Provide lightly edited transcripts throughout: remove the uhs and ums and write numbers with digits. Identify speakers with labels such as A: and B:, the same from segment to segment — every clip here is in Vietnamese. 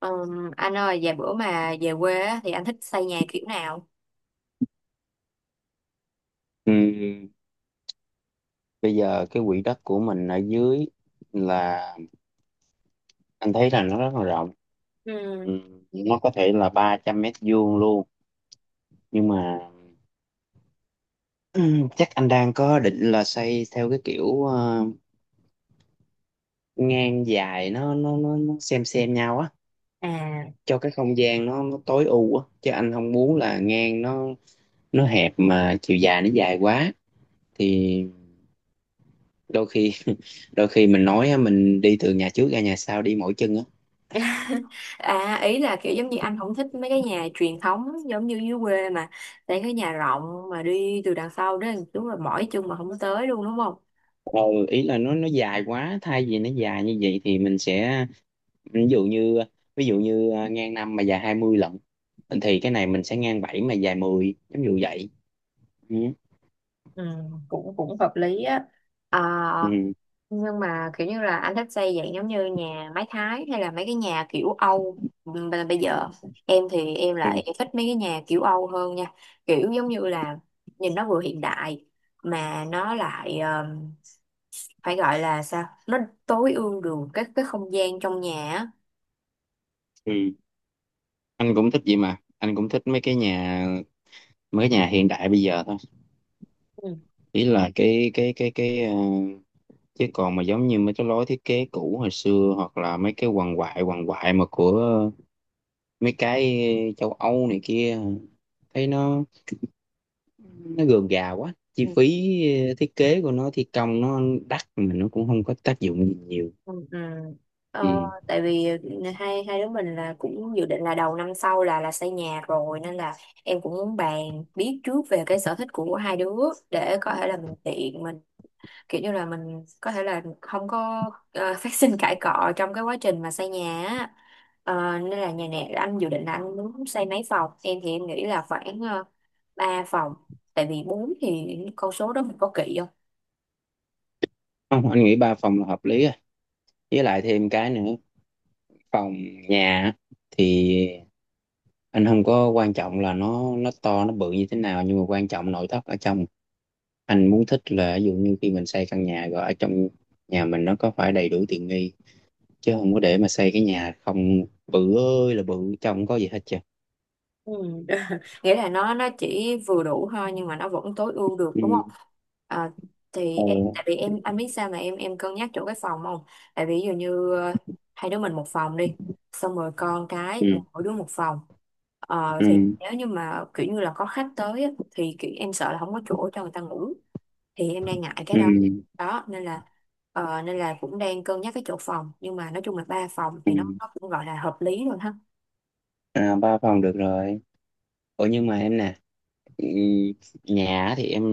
A: Anh ơi, vài bữa mà về quê á, thì anh thích xây nhà kiểu nào?
B: Ừ, bây giờ cái quỹ đất của mình ở dưới là anh thấy là nó rất là rộng,
A: Ừ.
B: ừ, nó có thể là 300 m² luôn, nhưng mà ừ, chắc anh đang có định là xây theo cái kiểu ngang dài, nó xem nhau á,
A: À,
B: cho cái không gian nó tối ưu á, chứ anh không muốn là ngang nó hẹp mà chiều dài nó dài quá, thì đôi khi đôi khi mình nói á, mình đi từ nhà trước ra nhà sau đi mỗi chân á.
A: À, ý là kiểu giống như anh không thích mấy cái nhà truyền thống giống như dưới quê mà xây cái nhà rộng mà đi từ đằng sau đó đúng là mỏi chân mà không tới luôn đúng không?
B: ờ Ý là nó dài quá, thay vì nó dài như vậy thì mình sẽ, ví dụ như ngang năm mà dài 20 lận, thì cái này mình sẽ ngang 7 mà dài 10 giống như vậy. Ừ.
A: Ừ, cũng cũng hợp lý á. À,
B: Ừ.
A: nhưng mà kiểu như là anh thích xây dạng giống như nhà mái Thái hay là mấy cái nhà kiểu Âu. Bây giờ em thì em
B: Ừ.
A: lại thích mấy cái nhà kiểu Âu hơn nha, kiểu giống như là nhìn nó vừa hiện đại mà nó lại phải gọi là sao, nó tối ưu được cái không gian trong nhà á.
B: Ừ. Anh cũng thích vậy, mà anh cũng thích mấy cái nhà hiện đại bây giờ thôi.
A: Ừ.
B: Ý là chứ còn mà giống như mấy cái lối thiết kế cũ hồi xưa, hoặc là mấy cái hoàng hoại mà của mấy cái châu Âu này kia, thấy nó gườm gà quá, chi
A: Ừ.
B: phí, thiết kế của nó, thi công nó đắt mà nó cũng không có tác dụng gì nhiều.
A: Ừ. Ừ. Ờ,
B: Ừ.
A: tại vì hai hai đứa mình là cũng dự định là đầu năm sau là xây nhà rồi, nên là em cũng muốn bàn biết trước về cái sở thích của hai đứa để có thể là mình tiện mình, kiểu như là mình có thể là không có phát sinh cãi cọ trong cái quá trình mà xây nhà á. Ờ, nên là nhà này anh dự định là anh muốn xây mấy phòng, em thì em nghĩ là khoảng 3 phòng, tại vì bốn thì con số đó mình có kỵ không?
B: Không, anh nghĩ ba phòng là hợp lý rồi, với lại thêm cái nữa, phòng nhà á, thì anh không có quan trọng là nó to nó bự như thế nào, nhưng mà quan trọng nội thất ở trong. Anh muốn thích là ví dụ như khi mình xây căn nhà rồi, ở trong nhà mình nó có phải đầy đủ tiện nghi, chứ không có để mà xây cái nhà không, bự ơi là bự, trong không có gì hết trơn.
A: Ừ. Nghĩa là nó chỉ vừa đủ thôi nhưng mà nó vẫn tối ưu được
B: Ừ.
A: đúng không? À, thì em
B: Ừ.
A: tại vì anh biết sao mà em cân nhắc chỗ cái phòng không? Tại vì ví dụ như hai đứa mình một phòng đi, xong rồi con cái là
B: Ừ.
A: mỗi đứa một phòng. Ờ, thì
B: Ừ.
A: nếu như mà kiểu như là có khách tới á, thì kiểu em sợ là không có chỗ cho người ta ngủ, thì em đang ngại cái
B: Ừ.
A: đó. Đó, nên là nên là cũng đang cân nhắc cái chỗ phòng, nhưng mà nói chung là ba phòng
B: Ừ.
A: thì nó cũng gọi là hợp lý rồi ha.
B: À, ba phòng được rồi. Ủa nhưng mà em nè, ừ, nhà á thì em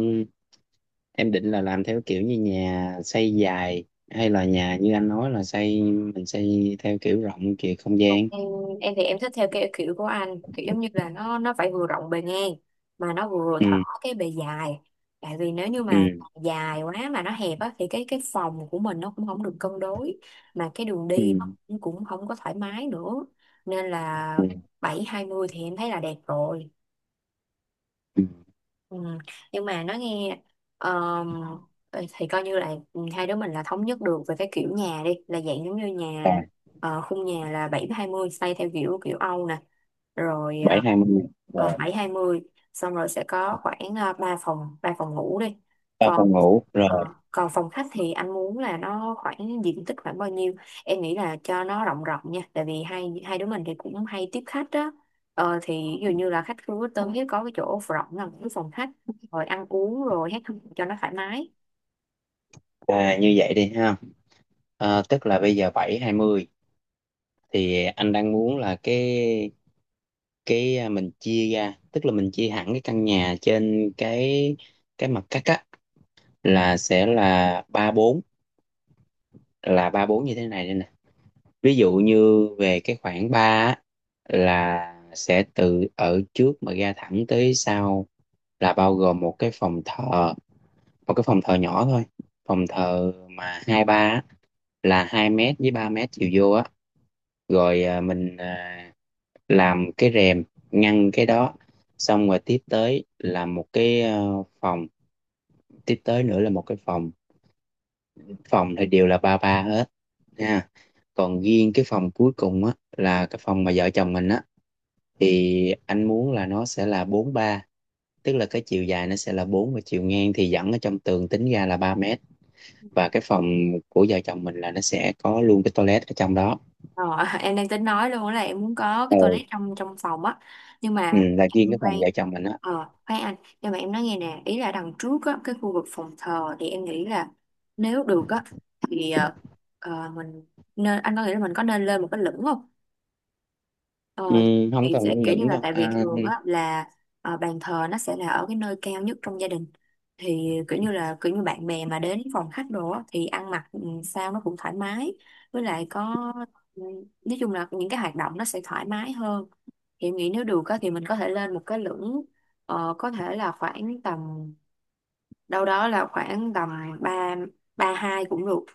B: em định là làm theo kiểu như nhà xây dài, hay là nhà như anh nói là xây, mình xây theo kiểu rộng kiểu không gian.
A: em em thì em thích theo cái kiểu của anh, kiểu giống như là nó phải vừa rộng bề ngang mà nó vừa
B: Ừ,
A: thỏ cái bề dài, tại vì nếu như mà
B: ừ,
A: dài quá mà nó hẹp á thì cái phòng của mình nó cũng không được cân đối, mà cái đường
B: ừ,
A: đi nó cũng cũng không có thoải mái nữa, nên là
B: ừ.
A: bảy hai mươi thì em thấy là đẹp rồi.
B: Ừ.
A: Ừ. Nhưng mà nói nghe, ờm, thì coi như là hai đứa mình là thống nhất được về cái kiểu nhà đi, là dạng giống như
B: À,
A: nhà, ờ, khung nhà là bảy hai mươi, xây theo kiểu kiểu Âu nè, rồi
B: bảy hai mươi rồi,
A: 7 hai mươi, xong rồi sẽ có khoảng 3 phòng, 3 phòng ngủ đi.
B: ba
A: Còn
B: phòng ngủ
A: ờ,
B: rồi.
A: còn phòng khách thì anh muốn là nó khoảng diện tích khoảng bao nhiêu? Em nghĩ là cho nó rộng rộng nha, tại vì hai hai đứa mình thì cũng hay tiếp khách á. Ờ thì ví dụ như là khách khu Quốc Tân thì có cái chỗ rộng là cái phòng khách, rồi ăn uống rồi hết, cho nó thoải mái.
B: À, như vậy đi ha. À, tức là bây giờ bảy hai mươi, thì anh đang muốn là mình chia ra, tức là mình chia hẳn cái căn nhà trên cái mặt cắt á, là sẽ là ba bốn, là ba bốn như thế này đây nè. Ví dụ như về cái khoảng 3 á, là sẽ từ ở trước mà ra thẳng tới sau là bao gồm một cái phòng thờ, một cái phòng thờ nhỏ thôi. Phòng thờ mà 23 á, là 2 mét với 3 mét chiều vô á, rồi mình, làm cái rèm ngăn cái đó. Xong rồi tiếp tới là một cái, phòng, tiếp tới nữa là một cái phòng phòng thì đều là ba ba hết nha, còn riêng cái phòng cuối cùng á là cái phòng mà vợ chồng mình á, thì anh muốn là nó sẽ là bốn ba, tức là cái chiều dài nó sẽ là bốn và chiều ngang thì dẫn ở trong tường tính ra là 3 mét, và cái phòng của vợ chồng mình là nó sẽ có luôn cái toilet ở trong đó.
A: Ờ, em đang tính nói luôn là em muốn có cái
B: ừ,
A: toilet trong trong phòng á, nhưng
B: ừ
A: mà
B: là riêng cái
A: em khoan,
B: phòng vợ chồng mình á.
A: ờ khoan anh, nhưng mà em nói nghe nè, ý là đằng trước á, cái khu vực phòng thờ thì em nghĩ là nếu được á thì mình nên, anh có nghĩ là mình có nên lên một cái lửng không?
B: Ừ,
A: Ờ,
B: không
A: thì
B: cần
A: sẽ
B: lên
A: kiểu như
B: lửng
A: là
B: đâu.
A: tại vì thường á là bàn thờ nó sẽ là ở cái nơi cao nhất trong gia đình, thì kiểu như là kiểu như bạn bè mà đến phòng khách đồ á, thì ăn mặc ừ, sao nó cũng thoải mái, với lại có ừ, nói chung là những cái hoạt động nó sẽ thoải mái hơn, thì em nghĩ nếu được á, thì mình có thể lên một cái lửng, ờ, có thể là khoảng tầm đâu đó là khoảng tầm ba ba hai cũng được,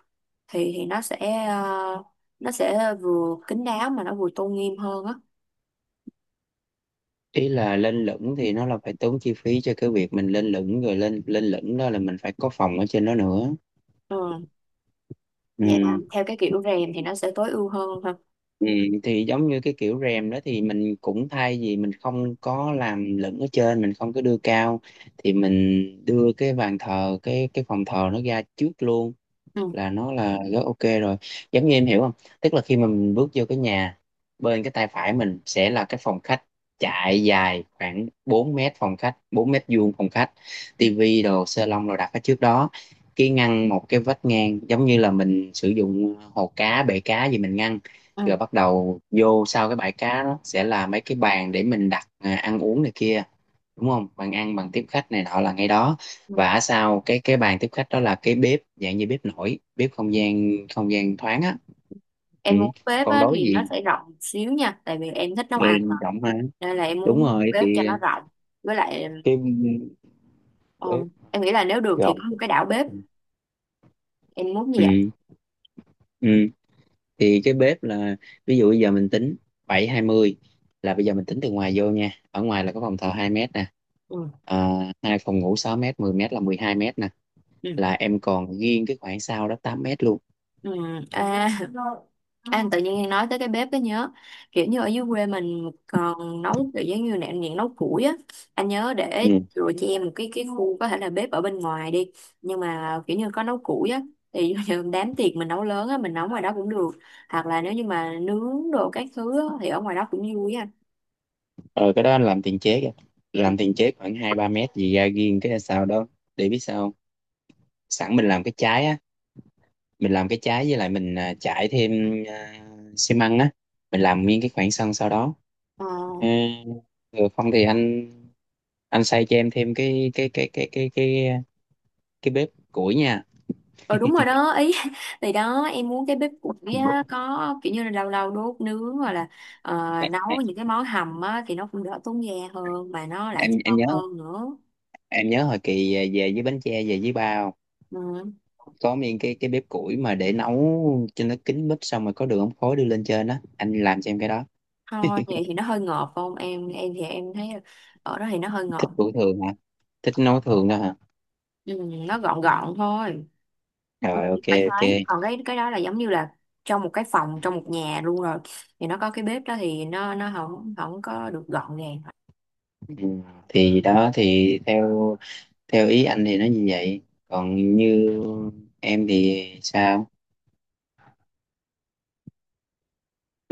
A: thì nó sẽ ờ, nó sẽ vừa kín đáo mà nó vừa tôn nghiêm hơn á.
B: Ý là lên lửng thì nó là phải tốn chi phí cho cái việc mình lên lửng, rồi lên lên lửng đó là mình phải có phòng ở trên đó nữa
A: Ừ. Dạ là
B: ừ
A: theo cái kiểu rèm thì nó sẽ tối ưu hơn ha.
B: Ừ, thì giống như cái kiểu rèm đó thì mình cũng, thay vì mình không có làm lửng ở trên, mình không có đưa cao thì mình đưa cái bàn thờ, cái phòng thờ nó ra trước luôn
A: Ừ.
B: là nó là rất ok rồi, giống như em hiểu không. Tức là khi mà mình bước vô cái nhà, bên cái tay phải mình sẽ là cái phòng khách, chạy dài khoảng 4 mét, phòng khách 4 m², phòng khách
A: Ừ.
B: tivi đồ sê lông đồ đặt ở trước đó, cái ngăn một cái vách ngang giống như là mình sử dụng, hồ cá bể cá gì mình ngăn,
A: Ừ.
B: rồi bắt đầu vô sau cái bãi cá đó sẽ là mấy cái bàn để mình đặt, ăn uống này kia, đúng không, bàn ăn bàn tiếp khách này nọ là ngay đó.
A: Ừ.
B: Và ở sau cái bàn tiếp khách đó là cái bếp dạng như bếp nổi, bếp không gian thoáng á. Ừ.
A: Em muốn bếp
B: Còn
A: á,
B: đối
A: thì nó
B: diện,
A: sẽ rộng xíu nha, tại vì em thích nấu
B: người
A: ăn mà.
B: rộng mà,
A: Nên là em
B: đúng
A: muốn
B: rồi
A: bếp cho
B: thì
A: nó rộng. Với lại
B: cái
A: ừ,
B: bếp
A: em nghĩ là nếu được thì
B: rộng.
A: có một cái đảo bếp. Em muốn như vậy.
B: Ừ. Ừ. Thì cái bếp là, ví dụ bây giờ mình tính bảy hai mươi, là bây giờ mình tính từ ngoài vô nha. Ở ngoài là có phòng thờ 2 mét nè.
A: Ừ.
B: À, hai phòng ngủ 6 mét, 10 mét là 12 mét nè. Là em còn riêng cái khoảng sau đó 8 mét luôn.
A: Ừ, à, anh tự nhiên nói tới cái bếp cái nhớ, kiểu như ở dưới quê mình còn nấu kiểu giống như nè, những nấu củi á, anh nhớ để
B: Ừ.
A: rồi cho em một cái khu có thể là bếp ở bên ngoài đi, nhưng mà kiểu như có nấu củi á, thì ví như đám tiệc mình nấu lớn á, mình nấu ngoài đó cũng được, hoặc là nếu như mà nướng đồ các thứ á, thì ở ngoài đó cũng vui á.
B: ờ cái đó anh làm tiền chế kìa, làm tiền chế khoảng hai ba mét gì ra riêng cái sau đó, để biết sao không? Sẵn mình làm cái trái á, mình làm cái trái, với lại mình, trải thêm, à, xi măng á, mình làm nguyên cái khoảng sân sau đó.
A: Ờ.
B: À, rồi không thì anh xây cho em thêm cái bếp củi nha.
A: Ờ đúng rồi đó ý, thì đó em muốn cái bếp củi á, có kiểu như là lâu lâu đốt nướng, hoặc là ờ,
B: em
A: nấu những cái món hầm á, thì nó cũng đỡ tốn ga hơn mà nó lại
B: em em
A: thơm
B: nhớ
A: hơn nữa.
B: em nhớ hồi kỳ về với bánh tre về với bao,
A: Ừ.
B: có miếng cái bếp củi mà để nấu cho nó kín bếp, xong rồi có đường ống khói đưa lên trên đó, anh làm cho em cái đó.
A: Thôi vậy thì nó hơi ngọt không, em thì em thấy ở đó thì nó hơi ngọt.
B: Thích buổi thường hả? Thích nấu thường đó hả?
A: Ừ, nó gọn gọn thôi. Ừ,
B: Rồi, ok
A: phải
B: ok.
A: thoáng, còn cái đó là giống như là trong một cái phòng, trong một nhà luôn rồi, thì nó có cái bếp đó thì nó không không có được gọn gàng.
B: Ừ. Thì đó thì theo theo ý anh thì nó như vậy, còn như em thì sao?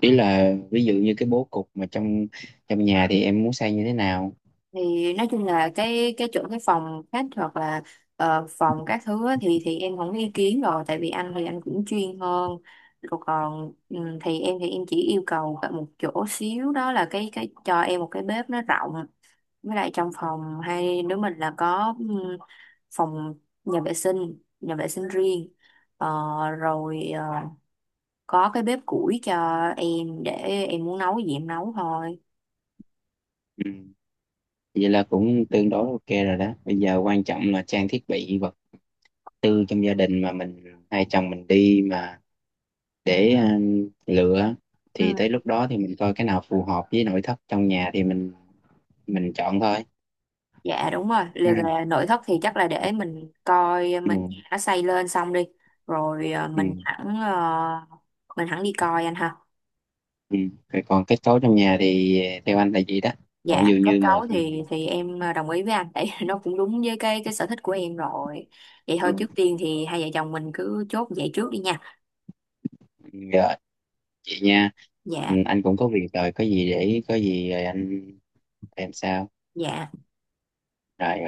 B: Ý là ví dụ như cái bố cục mà trong trong nhà thì em muốn xây như thế nào.
A: Thì nói chung là cái chỗ cái phòng khách hoặc là phòng các thứ á, thì em không có ý kiến rồi, tại vì anh thì anh cũng chuyên hơn rồi. Còn thì em chỉ yêu cầu cả một chỗ xíu đó là cái cho em một cái bếp nó rộng, với lại trong phòng hai đứa mình là có phòng nhà vệ sinh, nhà vệ sinh riêng. Ờ, rồi ờ, có cái bếp củi cho em, để em muốn nấu gì em nấu thôi.
B: Ừ. Vậy là cũng tương đối ok rồi đó, bây giờ quan trọng là trang thiết bị vật tư trong gia đình mà mình, hai chồng mình đi mà, để lựa, thì tới lúc đó thì mình coi cái nào phù hợp với nội thất trong nhà thì mình chọn thôi.
A: Dạ đúng rồi,
B: Ừ,
A: liệu về nội thất thì chắc là để mình coi
B: ừ,
A: mình nó xây lên xong đi, rồi
B: ừ,
A: mình hẳn mình hẳn đi coi anh ha.
B: ừ. Rồi còn kết cấu trong nhà thì theo anh là gì đó, còn
A: Dạ,
B: dường
A: kết
B: như mà
A: cấu
B: thì,
A: thì
B: thì,
A: em ờ, đồng ý với anh, tại nó cũng đúng với cái sở thích của em rồi. Vậy
B: ừ,
A: thôi, trước tiên thì hai vợ chồng mình cứ chốt vậy trước đi nha.
B: dạ, chị nha. Ừ,
A: Dạ,
B: anh cũng có việc rồi, có gì để có gì rồi anh em sau
A: dạ.
B: rồi.